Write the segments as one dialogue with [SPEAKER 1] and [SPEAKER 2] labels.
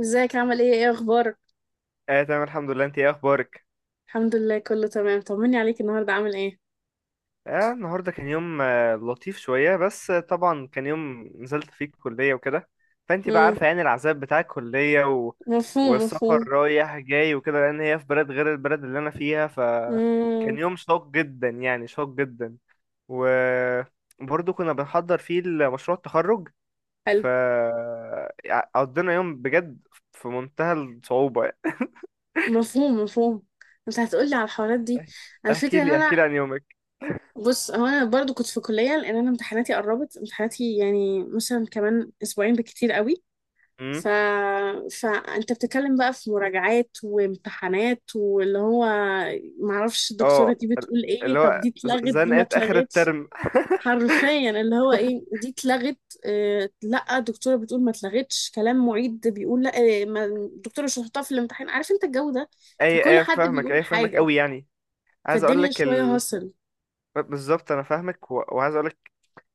[SPEAKER 1] ازيك، عامل ايه؟ ايه اخبارك؟
[SPEAKER 2] اه تمام، الحمد لله. انت ايه اخبارك؟
[SPEAKER 1] الحمد لله كله تمام، طمني عليك، النهارده عامل ايه؟
[SPEAKER 2] اه النهارده كان يوم لطيف شويه، بس طبعا كان يوم نزلت فيه الكليه وكده. فانت بقى
[SPEAKER 1] امم.
[SPEAKER 2] عارفه يعني العذاب بتاع الكليه
[SPEAKER 1] مفهوم
[SPEAKER 2] والسفر
[SPEAKER 1] مفهوم.
[SPEAKER 2] رايح جاي وكده، لان هي في بلد غير البلد اللي انا فيها، فكان
[SPEAKER 1] امم.
[SPEAKER 2] يوم شاق جدا يعني شاق جدا. وبرضه كنا بنحضر فيه مشروع التخرج.
[SPEAKER 1] حلو.
[SPEAKER 2] ف قضينا يوم بجد في منتهى الصعوبه.
[SPEAKER 1] مفهوم مفهوم. انت هتقولي على الحوارات دي، على
[SPEAKER 2] احكي
[SPEAKER 1] الفكره ان
[SPEAKER 2] لي احكي
[SPEAKER 1] انا
[SPEAKER 2] لي عن يومك.
[SPEAKER 1] بص، هو انا برضو كنت في كليه لان انا امتحاناتي قربت امتحاناتي، يعني مثلا كمان اسبوعين بالكتير قوي. ف... فانت بتتكلم بقى في مراجعات وامتحانات، واللي هو معرفش الدكتوره
[SPEAKER 2] اه
[SPEAKER 1] دي
[SPEAKER 2] ال-
[SPEAKER 1] بتقول ايه، طب دي اتلغت دي ما
[SPEAKER 2] زنقت اخر
[SPEAKER 1] اتلغتش؟
[SPEAKER 2] الترم.
[SPEAKER 1] حرفيا اللي هو ايه، دي اتلغت؟ آه لا، الدكتوره بتقول ما اتلغتش، كلام معيد بيقول لا، ما الدكتوره مش هتحطها في الامتحان، عارف انت الجو ده، فكل
[SPEAKER 2] اي اي،
[SPEAKER 1] حد
[SPEAKER 2] فاهمك،
[SPEAKER 1] بيقول
[SPEAKER 2] اي فاهمك
[SPEAKER 1] حاجه،
[SPEAKER 2] قوي يعني. عايز اقول
[SPEAKER 1] فالدنيا
[SPEAKER 2] لك
[SPEAKER 1] شويه
[SPEAKER 2] ال...
[SPEAKER 1] هصل.
[SPEAKER 2] بالظبط انا فاهمك وعايز اقول لك،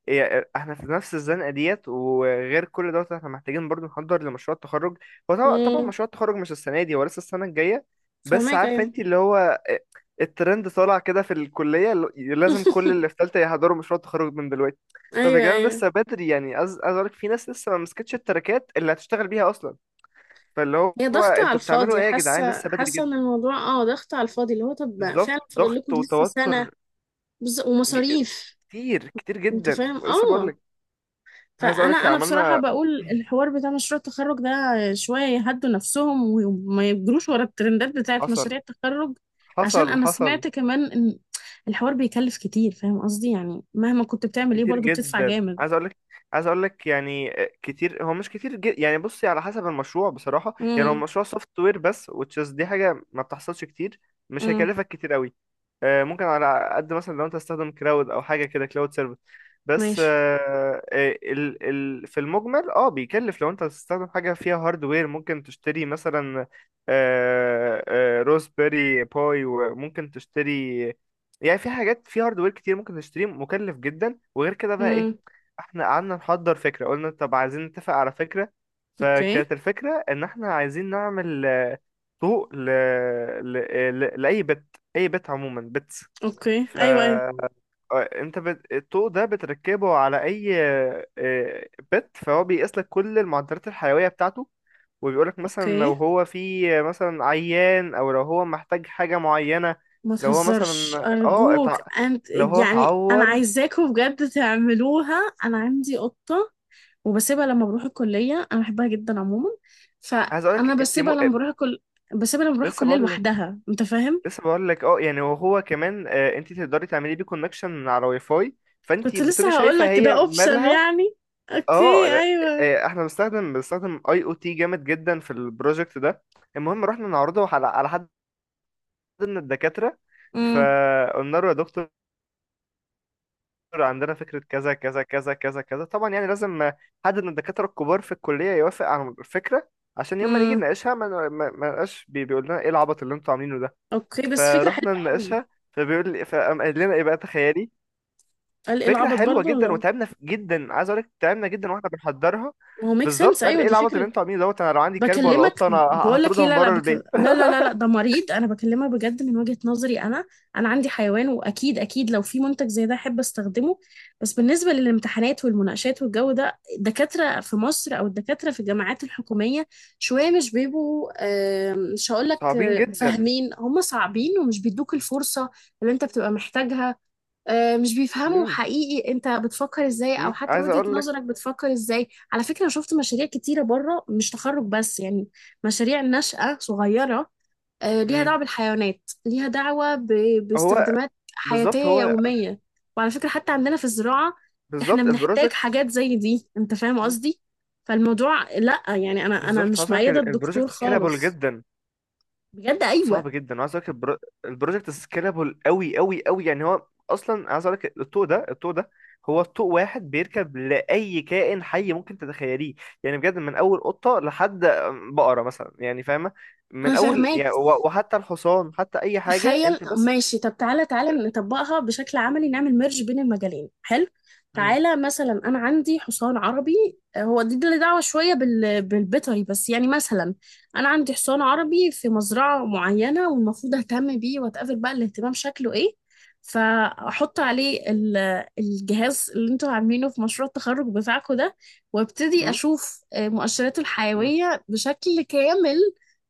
[SPEAKER 2] إيه احنا في نفس الزنقه ديت، وغير كل دوت احنا محتاجين برضو نحضر لمشروع التخرج. هو طبعا طبعا
[SPEAKER 1] امم،
[SPEAKER 2] مشروع التخرج مش السنه دي، هو لسه السنه الجايه. بس
[SPEAKER 1] فهماك،
[SPEAKER 2] عارفه
[SPEAKER 1] ايوه.
[SPEAKER 2] انت اللي هو إيه، الترند طالع كده في الكليه، لازم كل اللي في ثالثه يحضروا مشروع التخرج من دلوقتي. طب يا
[SPEAKER 1] ايوه
[SPEAKER 2] جدعان
[SPEAKER 1] ايوه.
[SPEAKER 2] لسه بدري يعني، عايز اقول لك في ناس لسه ما مسكتش التراكات اللي هتشتغل بيها اصلا. فاللي
[SPEAKER 1] هي
[SPEAKER 2] هو
[SPEAKER 1] ضغطة على
[SPEAKER 2] انتوا بتعملوا
[SPEAKER 1] الفاضي،
[SPEAKER 2] ايه يا جدعان؟
[SPEAKER 1] حاسة
[SPEAKER 2] لسه بدري
[SPEAKER 1] حاسة ان
[SPEAKER 2] جدا.
[SPEAKER 1] الموضوع ضغطة على الفاضي، اللي هو طب ما
[SPEAKER 2] بالظبط،
[SPEAKER 1] فعلا فاضل
[SPEAKER 2] ضغط
[SPEAKER 1] لكم لسه سنة.
[SPEAKER 2] وتوتر. ج...
[SPEAKER 1] ومصاريف.
[SPEAKER 2] كتير كتير
[SPEAKER 1] انت
[SPEAKER 2] جدا،
[SPEAKER 1] فاهم،
[SPEAKER 2] ولسه بقول
[SPEAKER 1] اه.
[SPEAKER 2] لك عايز اقول
[SPEAKER 1] فانا
[SPEAKER 2] لك
[SPEAKER 1] انا بصراحه
[SPEAKER 2] عملنا.
[SPEAKER 1] بقول الحوار بتاع مشروع التخرج ده شويه يهدوا نفسهم وما يجروش ورا الترندات بتاعت
[SPEAKER 2] حصل،
[SPEAKER 1] مشاريع التخرج، عشان
[SPEAKER 2] حصل،
[SPEAKER 1] انا
[SPEAKER 2] حصل.
[SPEAKER 1] سمعت كمان ان الحوار بيكلف كتير، فاهم قصدي، يعني مهما كنت بتعمل ايه
[SPEAKER 2] كتير
[SPEAKER 1] برضو بتدفع
[SPEAKER 2] جدا،
[SPEAKER 1] جامد.
[SPEAKER 2] عايز اقول لك، عايز اقول لك يعني كتير. هو مش كتير جد يعني، بصي على حسب المشروع بصراحه. يعني هو
[SPEAKER 1] امم.
[SPEAKER 2] مشروع سوفت وير بس، وتشيز دي حاجه ما بتحصلش كتير. مش
[SPEAKER 1] امم.
[SPEAKER 2] هيكلفك كتير قوي. ممكن على قد مثلا لو انت تستخدم كلاود او حاجه كده، كلاود سيرفيس. بس
[SPEAKER 1] ماشي.
[SPEAKER 2] ال في المجمل بيكلف. لو انت هتستخدم حاجه فيها هاردوير، ممكن تشتري مثلا روزبيري باي، وممكن تشتري، يعني في حاجات في هاردوير كتير ممكن تشتريه مكلف جدا. وغير كده بقى ايه،
[SPEAKER 1] امم.
[SPEAKER 2] احنا قعدنا نحضر فكرة. قلنا طب عايزين نتفق على فكرة،
[SPEAKER 1] اوكي.
[SPEAKER 2] فكانت الفكرة ان احنا عايزين نعمل طوق ل... لأي بت، اي بت عموما، بتس.
[SPEAKER 1] اوكي،
[SPEAKER 2] ف
[SPEAKER 1] ايوه ايوه.
[SPEAKER 2] آه، الطوق ده بتركبه على اي بت، فهو بيقيس لك كل المعدلات الحيوية بتاعته، وبيقولك مثلا
[SPEAKER 1] اوكي،
[SPEAKER 2] لو هو فيه مثلا عيان، او لو هو محتاج حاجة معينة.
[SPEAKER 1] ما
[SPEAKER 2] لو هو مثلا
[SPEAKER 1] تهزرش، ارجوك انت،
[SPEAKER 2] لو هو
[SPEAKER 1] يعني انا
[SPEAKER 2] اتعور.
[SPEAKER 1] عايزاكم بجد تعملوها، انا عندي قطه وبسيبها لما بروح الكلية، أنا بحبها جدا عموما،
[SPEAKER 2] عايز اقولك
[SPEAKER 1] فأنا
[SPEAKER 2] انت م...
[SPEAKER 1] بسيبها لما بروح
[SPEAKER 2] لسه
[SPEAKER 1] الكلية
[SPEAKER 2] بقول لك
[SPEAKER 1] لوحدها، أنت فاهم؟
[SPEAKER 2] لسه بقول لك يعني. وهو كمان انت تقدري تعملي بيه كونكشن من على واي فاي، فانت
[SPEAKER 1] كنت
[SPEAKER 2] بتبقي
[SPEAKER 1] لسه هقول
[SPEAKER 2] شايفه
[SPEAKER 1] لك ده
[SPEAKER 2] هي
[SPEAKER 1] أوبشن
[SPEAKER 2] مالها.
[SPEAKER 1] يعني،
[SPEAKER 2] اه
[SPEAKER 1] أوكي،
[SPEAKER 2] لا،
[SPEAKER 1] أيوه.
[SPEAKER 2] احنا بنستخدم اي او تي جامد جدا في البروجكت ده. المهم، رحنا نعرضه على حد من الدكاتره.
[SPEAKER 1] امم.
[SPEAKER 2] فقلنا له يا دكتور، عندنا فكره كذا كذا كذا كذا كذا، طبعا يعني لازم حد من الدكاتره الكبار في الكليه يوافق على الفكره، عشان يوم ما نيجي
[SPEAKER 1] امم.
[SPEAKER 2] نناقشها ما نبقاش بيقول لنا ايه العبط اللي انتوا عاملينه ده.
[SPEAKER 1] أوكي، بس فكرة حلوة
[SPEAKER 2] فرحنا
[SPEAKER 1] قوي.
[SPEAKER 2] نناقشها، فبيقول لي فقام قال لنا ايه بقى، تخيلي،
[SPEAKER 1] قال إيه،
[SPEAKER 2] فكره
[SPEAKER 1] العبط
[SPEAKER 2] حلوه
[SPEAKER 1] برضه، ولا
[SPEAKER 2] جدا
[SPEAKER 1] إيه؟
[SPEAKER 2] وتعبنا جدا. عايز اقول لك تعبنا جدا واحنا بنحضرها.
[SPEAKER 1] ما هو ميك سنس،
[SPEAKER 2] بالظبط، قال
[SPEAKER 1] أيوه
[SPEAKER 2] ايه
[SPEAKER 1] دي
[SPEAKER 2] العبط اللي
[SPEAKER 1] فكرة.
[SPEAKER 2] انتوا عاملينه دوت؟ انا لو عندي كلب ولا
[SPEAKER 1] بكلمك
[SPEAKER 2] قطه انا
[SPEAKER 1] بقول لك ايه،
[SPEAKER 2] هطردهم
[SPEAKER 1] لا لا،
[SPEAKER 2] بره البيت.
[SPEAKER 1] لا لا لا لا، ده مريض، انا بكلمك بجد من وجهة نظري انا، انا عندي حيوان، واكيد اكيد لو في منتج زي ده احب استخدمه. بس بالنسبة للامتحانات والمناقشات والجو ده، الدكاترة في مصر او الدكاترة في الجامعات الحكومية شوية مش بيبقوا مش هقول لك
[SPEAKER 2] صعبين جدا.
[SPEAKER 1] فاهمين، هم صعبين ومش بيدوك الفرصة اللي انت بتبقى محتاجها. مش بيفهموا
[SPEAKER 2] امم
[SPEAKER 1] حقيقي انت بتفكر ازاي، او حتى
[SPEAKER 2] عايز
[SPEAKER 1] وجهة
[SPEAKER 2] اقول لك،
[SPEAKER 1] نظرك بتفكر ازاي، على فكرة انا شفت مشاريع كتيرة بره، مش تخرج بس يعني، مشاريع نشأة صغيرة ليها دعوة
[SPEAKER 2] امم
[SPEAKER 1] بالحيوانات، ليها دعوة
[SPEAKER 2] هو
[SPEAKER 1] باستخدامات
[SPEAKER 2] بالظبط
[SPEAKER 1] حياتية
[SPEAKER 2] هو
[SPEAKER 1] يومية، وعلى فكرة حتى عندنا في الزراعة احنا
[SPEAKER 2] بالظبط
[SPEAKER 1] بنحتاج
[SPEAKER 2] البروجكت.
[SPEAKER 1] حاجات زي دي، انت فاهم
[SPEAKER 2] مم.
[SPEAKER 1] قصدي، فالموضوع لا يعني، انا
[SPEAKER 2] بالظبط،
[SPEAKER 1] مش
[SPEAKER 2] حصل،
[SPEAKER 1] مؤيدة الدكتور
[SPEAKER 2] البروجكت سكيلابل
[SPEAKER 1] خالص،
[SPEAKER 2] جدا،
[SPEAKER 1] بجد، ايوه.
[SPEAKER 2] صعب جدا. وعايز اقول لك البروجكت سكيلابل قوي قوي قوي، يعني هو اصلا عايز اقول لك، الطوق ده هو طوق واحد بيركب لاي كائن حي ممكن تتخيليه. يعني بجد من اول قطه لحد بقره مثلا، يعني فاهمه،
[SPEAKER 1] انا
[SPEAKER 2] من اول
[SPEAKER 1] فاهماك،
[SPEAKER 2] يعني وحتى الحصان، حتى اي حاجه
[SPEAKER 1] تخيل،
[SPEAKER 2] انت بس.
[SPEAKER 1] ماشي، طب تعالى تعالى نطبقها بشكل عملي، نعمل ميرج بين المجالين، حلو.
[SPEAKER 2] مم.
[SPEAKER 1] تعالى مثلا انا عندي حصان عربي، هو دي اللي دعوه شويه بالبيطري، بس يعني مثلا انا عندي حصان عربي في مزرعه معينه والمفروض اهتم بيه، واتقابل بقى الاهتمام شكله ايه، فاحط عليه الجهاز اللي انتوا عاملينه في مشروع التخرج بتاعكم ده، وابتدي
[SPEAKER 2] مم.
[SPEAKER 1] اشوف مؤشراته
[SPEAKER 2] مم.
[SPEAKER 1] الحيويه بشكل كامل،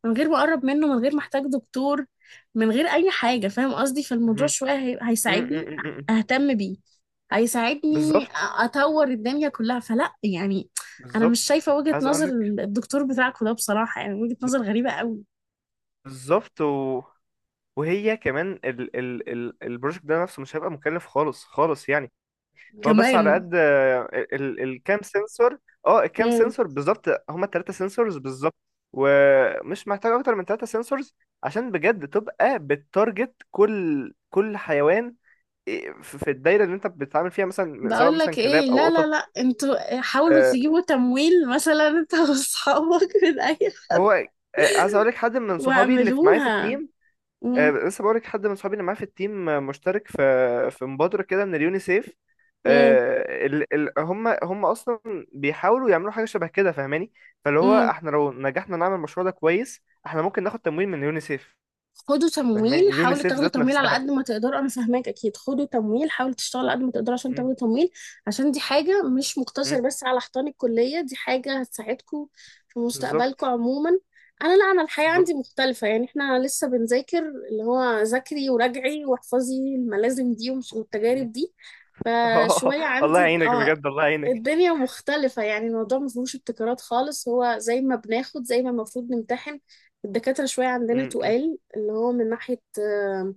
[SPEAKER 1] من غير ما اقرب منه، من غير ما احتاج دكتور، من غير اي حاجه، فاهم قصدي، فالموضوع
[SPEAKER 2] مم.
[SPEAKER 1] شويه
[SPEAKER 2] مم.
[SPEAKER 1] هيساعدني
[SPEAKER 2] مم. مم.
[SPEAKER 1] اهتم بيه، هيساعدني
[SPEAKER 2] بالظبط،
[SPEAKER 1] اطور الدنيا كلها، فلا يعني، انا مش
[SPEAKER 2] بالظبط،
[SPEAKER 1] شايفه وجهه
[SPEAKER 2] عايز
[SPEAKER 1] نظر.
[SPEAKER 2] اقول لك،
[SPEAKER 1] الدكتور بتاعكم ده بصراحه يعني وجهه نظر غريبه قوي.
[SPEAKER 2] بالظبط. وهي كمان ال ال ال البروجكت ده نفسه مش هيبقى مكلف خالص خالص يعني. هو بس على
[SPEAKER 1] كمان.
[SPEAKER 2] قد الكام سنسور. اه الكام
[SPEAKER 1] امم.
[SPEAKER 2] سنسور بالظبط، هما التلاتة سنسورز بالظبط. ومش محتاج اكتر من تلاتة سنسورز عشان بجد تبقى بتارجت كل كل حيوان، إيه، في في الدايرة اللي انت بتتعامل فيها، مثلا سواء
[SPEAKER 1] بقول لك
[SPEAKER 2] مثلا
[SPEAKER 1] ايه،
[SPEAKER 2] كلاب او
[SPEAKER 1] لا لا
[SPEAKER 2] قطط.
[SPEAKER 1] لا، انتوا حاولوا
[SPEAKER 2] آه،
[SPEAKER 1] تجيبوا تمويل مثلا، انت واصحابك من اي،
[SPEAKER 2] هو آه، عايز اقول لك حد من صحابي اللي معايا في
[SPEAKER 1] واعملوها.
[SPEAKER 2] التيم،
[SPEAKER 1] امم.
[SPEAKER 2] لسه بقولك حد من صحابي اللي معاه في التيم مشترك في في مبادرة كده من اليونيسيف. آه، ال... ال... هم هم اصلا بيحاولوا يعملوا حاجة شبه كده، فاهماني. فاللي هو
[SPEAKER 1] امم.
[SPEAKER 2] احنا لو نجحنا نعمل المشروع ده كويس، احنا ممكن ناخد تمويل من اليونيسيف.
[SPEAKER 1] خدوا
[SPEAKER 2] فاهماني،
[SPEAKER 1] تمويل، حاولوا
[SPEAKER 2] اليونيسيف
[SPEAKER 1] تاخدوا
[SPEAKER 2] ذات
[SPEAKER 1] تمويل على
[SPEAKER 2] نفسها.
[SPEAKER 1] قد ما تقدروا، انا فاهماك، اكيد خدوا تمويل، حاولوا تشتغلوا على قد ما تقدروا عشان تاخدوا
[SPEAKER 2] مم،
[SPEAKER 1] تمويل، عشان دي حاجه مش مقتصر
[SPEAKER 2] مم،
[SPEAKER 1] بس على حيطان الكليه، دي حاجه هتساعدكم في
[SPEAKER 2] بالظبط،
[SPEAKER 1] مستقبلكم عموما. انا لا، انا الحياه عندي
[SPEAKER 2] بالظبط.
[SPEAKER 1] مختلفه، يعني احنا لسه بنذاكر، اللي هو ذاكري وراجعي واحفظي الملازم دي، ومش
[SPEAKER 2] مم.
[SPEAKER 1] والتجارب دي، فشويه
[SPEAKER 2] الله
[SPEAKER 1] عندي،
[SPEAKER 2] يعينك
[SPEAKER 1] اه.
[SPEAKER 2] بجد، الله يعينك.
[SPEAKER 1] الدنيا مختلفة يعني، الموضوع ما فيهوش ابتكارات خالص، هو زي ما بناخد زي ما المفروض نمتحن، الدكاترة شوية عندنا
[SPEAKER 2] مم، مم.
[SPEAKER 1] تقال، اللي هو من ناحية آه،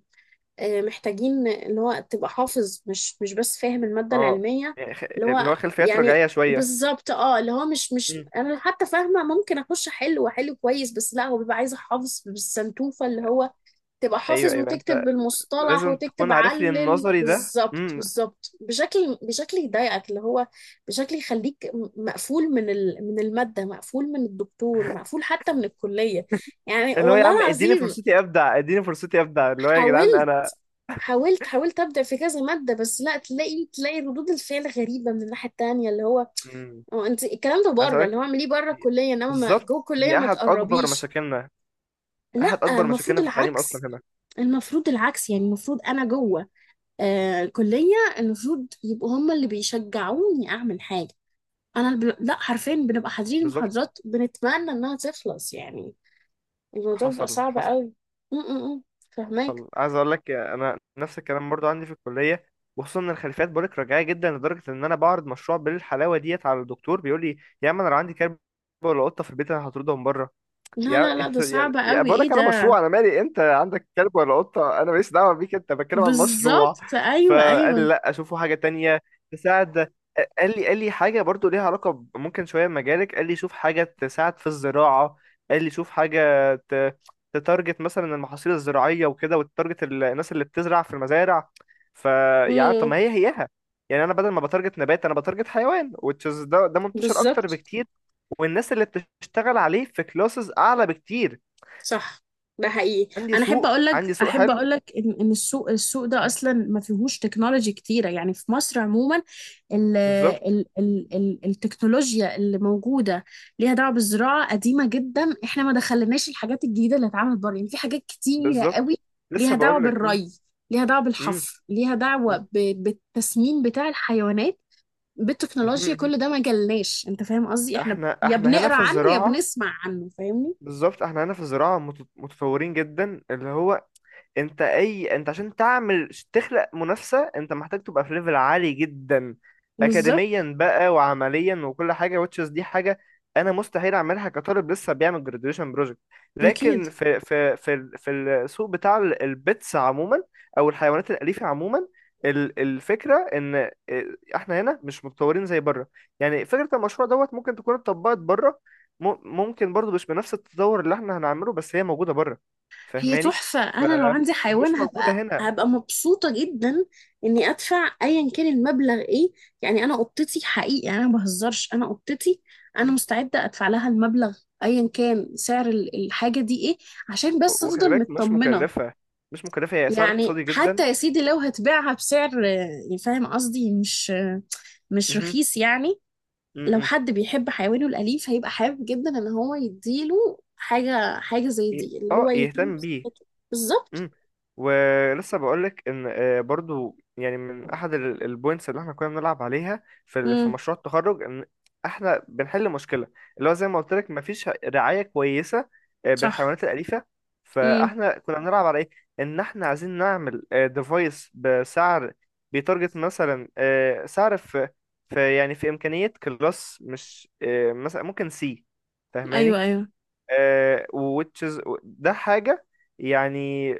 [SPEAKER 1] آه، محتاجين اللي هو تبقى حافظ، مش بس فاهم المادة
[SPEAKER 2] اه
[SPEAKER 1] العلمية، اللي
[SPEAKER 2] اللي
[SPEAKER 1] هو
[SPEAKER 2] هو خلفيات
[SPEAKER 1] يعني
[SPEAKER 2] رجعية شوية.
[SPEAKER 1] بالظبط اللي هو مش
[SPEAKER 2] مم.
[SPEAKER 1] انا حتى فاهمة، ممكن اخش احل واحل كويس، بس لا هو بيبقى عايز احافظ بالسنتوفة، اللي هو تبقى
[SPEAKER 2] ايوه
[SPEAKER 1] حافظ
[SPEAKER 2] ايوه،
[SPEAKER 1] وتكتب
[SPEAKER 2] انت
[SPEAKER 1] بالمصطلح
[SPEAKER 2] لازم تكون
[SPEAKER 1] وتكتب
[SPEAKER 2] عارف لي
[SPEAKER 1] علل،
[SPEAKER 2] النظري ده.
[SPEAKER 1] بالظبط
[SPEAKER 2] مم،
[SPEAKER 1] بالظبط، بشكل يضايقك، اللي هو بشكل يخليك مقفول من من المادة، مقفول من الدكتور، مقفول حتى من الكلية، يعني
[SPEAKER 2] اللي هو يا
[SPEAKER 1] والله
[SPEAKER 2] عم اديني
[SPEAKER 1] العظيم.
[SPEAKER 2] فرصتي ابدع، اديني فرصتي ابدع، اللي هو يا جدعان
[SPEAKER 1] حاولت
[SPEAKER 2] انا.
[SPEAKER 1] حاولت ابدا في كذا ماده، بس لا، تلاقي ردود الفعل غريبه من الناحيه التانيه، اللي هو
[SPEAKER 2] مم.
[SPEAKER 1] هو انت الكلام ده بره، اللي هو
[SPEAKER 2] هسألك.
[SPEAKER 1] اعمليه بره
[SPEAKER 2] دي-
[SPEAKER 1] الكليه، انما
[SPEAKER 2] بالظبط
[SPEAKER 1] جوه الكليه
[SPEAKER 2] دي
[SPEAKER 1] ما
[SPEAKER 2] احد اكبر
[SPEAKER 1] تقربيش.
[SPEAKER 2] مشاكلنا احد
[SPEAKER 1] لا،
[SPEAKER 2] اكبر
[SPEAKER 1] المفروض
[SPEAKER 2] مشاكلنا في التعليم اصلا
[SPEAKER 1] العكس،
[SPEAKER 2] هنا.
[SPEAKER 1] المفروض العكس يعني، المفروض انا جوه كلية، المفروض يبقوا هم اللي بيشجعوني أعمل حاجة، لا حرفيا بنبقى حاضرين
[SPEAKER 2] بالظبط،
[SPEAKER 1] المحاضرات بنتمنى إنها تخلص يعني، الموضوع بيبقى
[SPEAKER 2] حصل،
[SPEAKER 1] صعب
[SPEAKER 2] حصل.
[SPEAKER 1] قوي. م -م -م. فهماك.
[SPEAKER 2] عايز اقول لك انا نفس الكلام برضو عندي في الكليه، وخصوصا ان الخلفيات بقولك رجعيه جدا لدرجه ان انا بعرض مشروع بالحلاوه ديت على الدكتور، بيقول لي يا عم انا لو عندي كلب ولا قطه في البيت انا هطردهم بره.
[SPEAKER 1] لا
[SPEAKER 2] يا
[SPEAKER 1] لا لا، ده
[SPEAKER 2] يا
[SPEAKER 1] صعب
[SPEAKER 2] يا
[SPEAKER 1] قوي،
[SPEAKER 2] بقول لك
[SPEAKER 1] إيه
[SPEAKER 2] انا
[SPEAKER 1] ده.
[SPEAKER 2] مشروع، انا مالي انت عندك كلب ولا قطه، انا ماليش دعوه بيك، انت بتكلم عن مشروع.
[SPEAKER 1] بالظبط، أيوه
[SPEAKER 2] فقال لي
[SPEAKER 1] أيوه.
[SPEAKER 2] لا، اشوفه حاجه تانية تساعد. قال لي حاجه برضو ليها علاقه ممكن شويه بمجالك. قال لي شوف حاجه تساعد في الزراعه. قال لي شوف حاجه تتارجت مثلا المحاصيل الزراعيه وكده، وتارجت الناس اللي بتزرع في المزارع. فيعني، طب
[SPEAKER 1] امم.
[SPEAKER 2] ما هي هيها. يعني انا بدل ما بتارجت نبات انا بتارجت حيوان، وتشز ده ده منتشر اكتر
[SPEAKER 1] بالظبط.
[SPEAKER 2] بكتير. والناس اللي بتشتغل عليه في كلاسز اعلى بكتير.
[SPEAKER 1] صح، ده حقيقي، انا احب اقول لك
[SPEAKER 2] عندي سوق
[SPEAKER 1] احب
[SPEAKER 2] حلو.
[SPEAKER 1] اقول لك ان السوق ده
[SPEAKER 2] مم.
[SPEAKER 1] اصلا ما فيهوش تكنولوجي كتيره يعني، في مصر عموما ال
[SPEAKER 2] بالظبط،
[SPEAKER 1] ال ال ال التكنولوجيا اللي موجوده ليها دعوه بالزراعه قديمه جدا، احنا ما دخلناش الحاجات الجديده اللي اتعملت بره يعني، في حاجات كتيره
[SPEAKER 2] بالظبط،
[SPEAKER 1] قوي
[SPEAKER 2] لسه
[SPEAKER 1] ليها دعوه
[SPEAKER 2] بقول لك. مم.
[SPEAKER 1] بالري، ليها دعوه
[SPEAKER 2] مم.
[SPEAKER 1] بالحفر، ليها دعوه
[SPEAKER 2] مم.
[SPEAKER 1] بالتسمين بتاع الحيوانات
[SPEAKER 2] مهم.
[SPEAKER 1] بالتكنولوجيا،
[SPEAKER 2] مهم.
[SPEAKER 1] كل ده ما جالناش، انت فاهم قصدي، احنا
[SPEAKER 2] احنا
[SPEAKER 1] يا
[SPEAKER 2] احنا هنا
[SPEAKER 1] بنقرا
[SPEAKER 2] في
[SPEAKER 1] عنه يا
[SPEAKER 2] الزراعه،
[SPEAKER 1] بنسمع عنه، فاهمني.
[SPEAKER 2] بالظبط احنا هنا في الزراعه متطورين جدا. اللي هو انت عشان تعمل تخلق منافسة انت محتاج تبقى في ليفل عالي جدا
[SPEAKER 1] بالظبط.
[SPEAKER 2] اكاديميا بقى وعمليا وكل حاجة. وتشز دي حاجة انا مستحيل اعملها كطالب لسه بيعمل جراديويشن بروجكت.
[SPEAKER 1] أكيد.
[SPEAKER 2] لكن في السوق بتاع البيتس عموما، او الحيوانات الأليفة عموما، الفكرة ان احنا هنا مش متطورين زي بره. يعني فكرة المشروع دوت ممكن تكون اتطبقت بره، ممكن برضو مش بنفس التطور اللي احنا هنعمله، بس هي موجودة بره،
[SPEAKER 1] هي
[SPEAKER 2] فاهماني،
[SPEAKER 1] تحفة، أنا لو عندي حيوان
[SPEAKER 2] ومش موجودة
[SPEAKER 1] هبقى
[SPEAKER 2] هنا.
[SPEAKER 1] هبقى مبسوطة جدا إني أدفع أيا كان المبلغ، إيه يعني، أنا قطتي حقيقي يعني، أنا ما بهزرش، أنا قطتي، أنا
[SPEAKER 2] مم.
[SPEAKER 1] مستعدة أدفع لها المبلغ أيا كان سعر الحاجة دي، إيه، عشان بس
[SPEAKER 2] وخلي
[SPEAKER 1] أفضل
[SPEAKER 2] بالك مش
[SPEAKER 1] مطمنة،
[SPEAKER 2] مكلفة، مش مكلفة، هي سعر
[SPEAKER 1] يعني
[SPEAKER 2] اقتصادي جدا.
[SPEAKER 1] حتى يا سيدي لو هتبيعها بسعر فاهم قصدي، مش مش
[SPEAKER 2] مهم.
[SPEAKER 1] رخيص يعني.
[SPEAKER 2] مم.
[SPEAKER 1] لو
[SPEAKER 2] مم.
[SPEAKER 1] حد بيحب حيوانه الأليف هيبقى حابب جدا إن هو يديله حاجة زي دي، اللي هو يهتم
[SPEAKER 2] يهتم بيه.
[SPEAKER 1] بصحته بالظبط.
[SPEAKER 2] مم. ولسه بقولك ان برضو يعني من احد البوينتس اللي احنا كنا بنلعب عليها في في
[SPEAKER 1] امم.
[SPEAKER 2] مشروع التخرج ان احنا بنحل مشكله، اللي هو زي ما قلت لك مفيش رعايه كويسه
[SPEAKER 1] صح.
[SPEAKER 2] بالحيوانات الاليفه.
[SPEAKER 1] امم.
[SPEAKER 2] فاحنا كنا بنلعب على ايه، ان احنا عايزين نعمل ديفايس بسعر بيتارجت مثلا سعر في في يعني في امكانيه كلاس مش مثلا ممكن سي،
[SPEAKER 1] أيوه
[SPEAKER 2] فاهماني.
[SPEAKER 1] أيوه.
[SPEAKER 2] ووتشز ده حاجة، يعني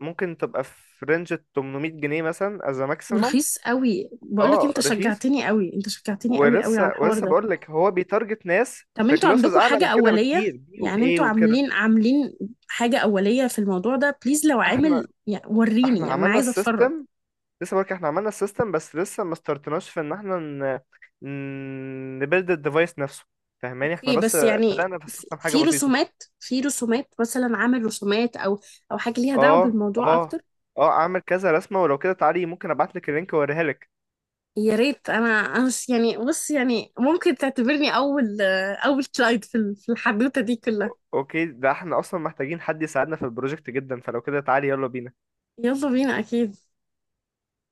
[SPEAKER 2] ممكن تبقى في رينج 800 جنيه مثلا از ماكسيمم.
[SPEAKER 1] ورخيص قوي، بقول لك
[SPEAKER 2] اه
[SPEAKER 1] أنت
[SPEAKER 2] رخيص.
[SPEAKER 1] شجعتني قوي، أنت شجعتني قوي قوي على
[SPEAKER 2] ولسه
[SPEAKER 1] الحوار
[SPEAKER 2] ولسه
[SPEAKER 1] ده.
[SPEAKER 2] بقول لك هو بيتارجت ناس
[SPEAKER 1] طب
[SPEAKER 2] في
[SPEAKER 1] أنتوا
[SPEAKER 2] كلاسز
[SPEAKER 1] عندكم
[SPEAKER 2] اعلى
[SPEAKER 1] حاجة
[SPEAKER 2] من كده
[SPEAKER 1] أولية؟
[SPEAKER 2] بكتير بي
[SPEAKER 1] يعني
[SPEAKER 2] واي
[SPEAKER 1] أنتوا
[SPEAKER 2] وكده.
[SPEAKER 1] عاملين حاجة أولية في الموضوع ده بليز؟ لو
[SPEAKER 2] احنا
[SPEAKER 1] عامل يعني وريني،
[SPEAKER 2] احنا
[SPEAKER 1] يعني أنا
[SPEAKER 2] عملنا
[SPEAKER 1] عايزة أتفرج.
[SPEAKER 2] السيستم، لسه بقولك احنا عملنا السيستم، بس لسه ما استرتناش في ان احنا نبيلد الديفايس نفسه، فاهماني. احنا
[SPEAKER 1] اوكي،
[SPEAKER 2] بس
[SPEAKER 1] بس يعني
[SPEAKER 2] بدأنا في
[SPEAKER 1] في
[SPEAKER 2] السيستم حاجة
[SPEAKER 1] في
[SPEAKER 2] بسيطة.
[SPEAKER 1] رسومات مثلا، عامل رسومات او حاجه ليها دعوه
[SPEAKER 2] اه
[SPEAKER 1] بالموضوع
[SPEAKER 2] اه
[SPEAKER 1] اكتر.
[SPEAKER 2] اه اعمل كذا رسمة، ولو كده تعالي ممكن ابعتلك اللينك واوريها لك.
[SPEAKER 1] يا ريت، انا يعني بص يعني ممكن تعتبرني اول كلايد في في الحدوته دي كلها.
[SPEAKER 2] اوكي، ده احنا اصلا محتاجين حد يساعدنا في البروجكت جدا، فلو كده تعالي يلا بينا.
[SPEAKER 1] يلا بينا، اكيد.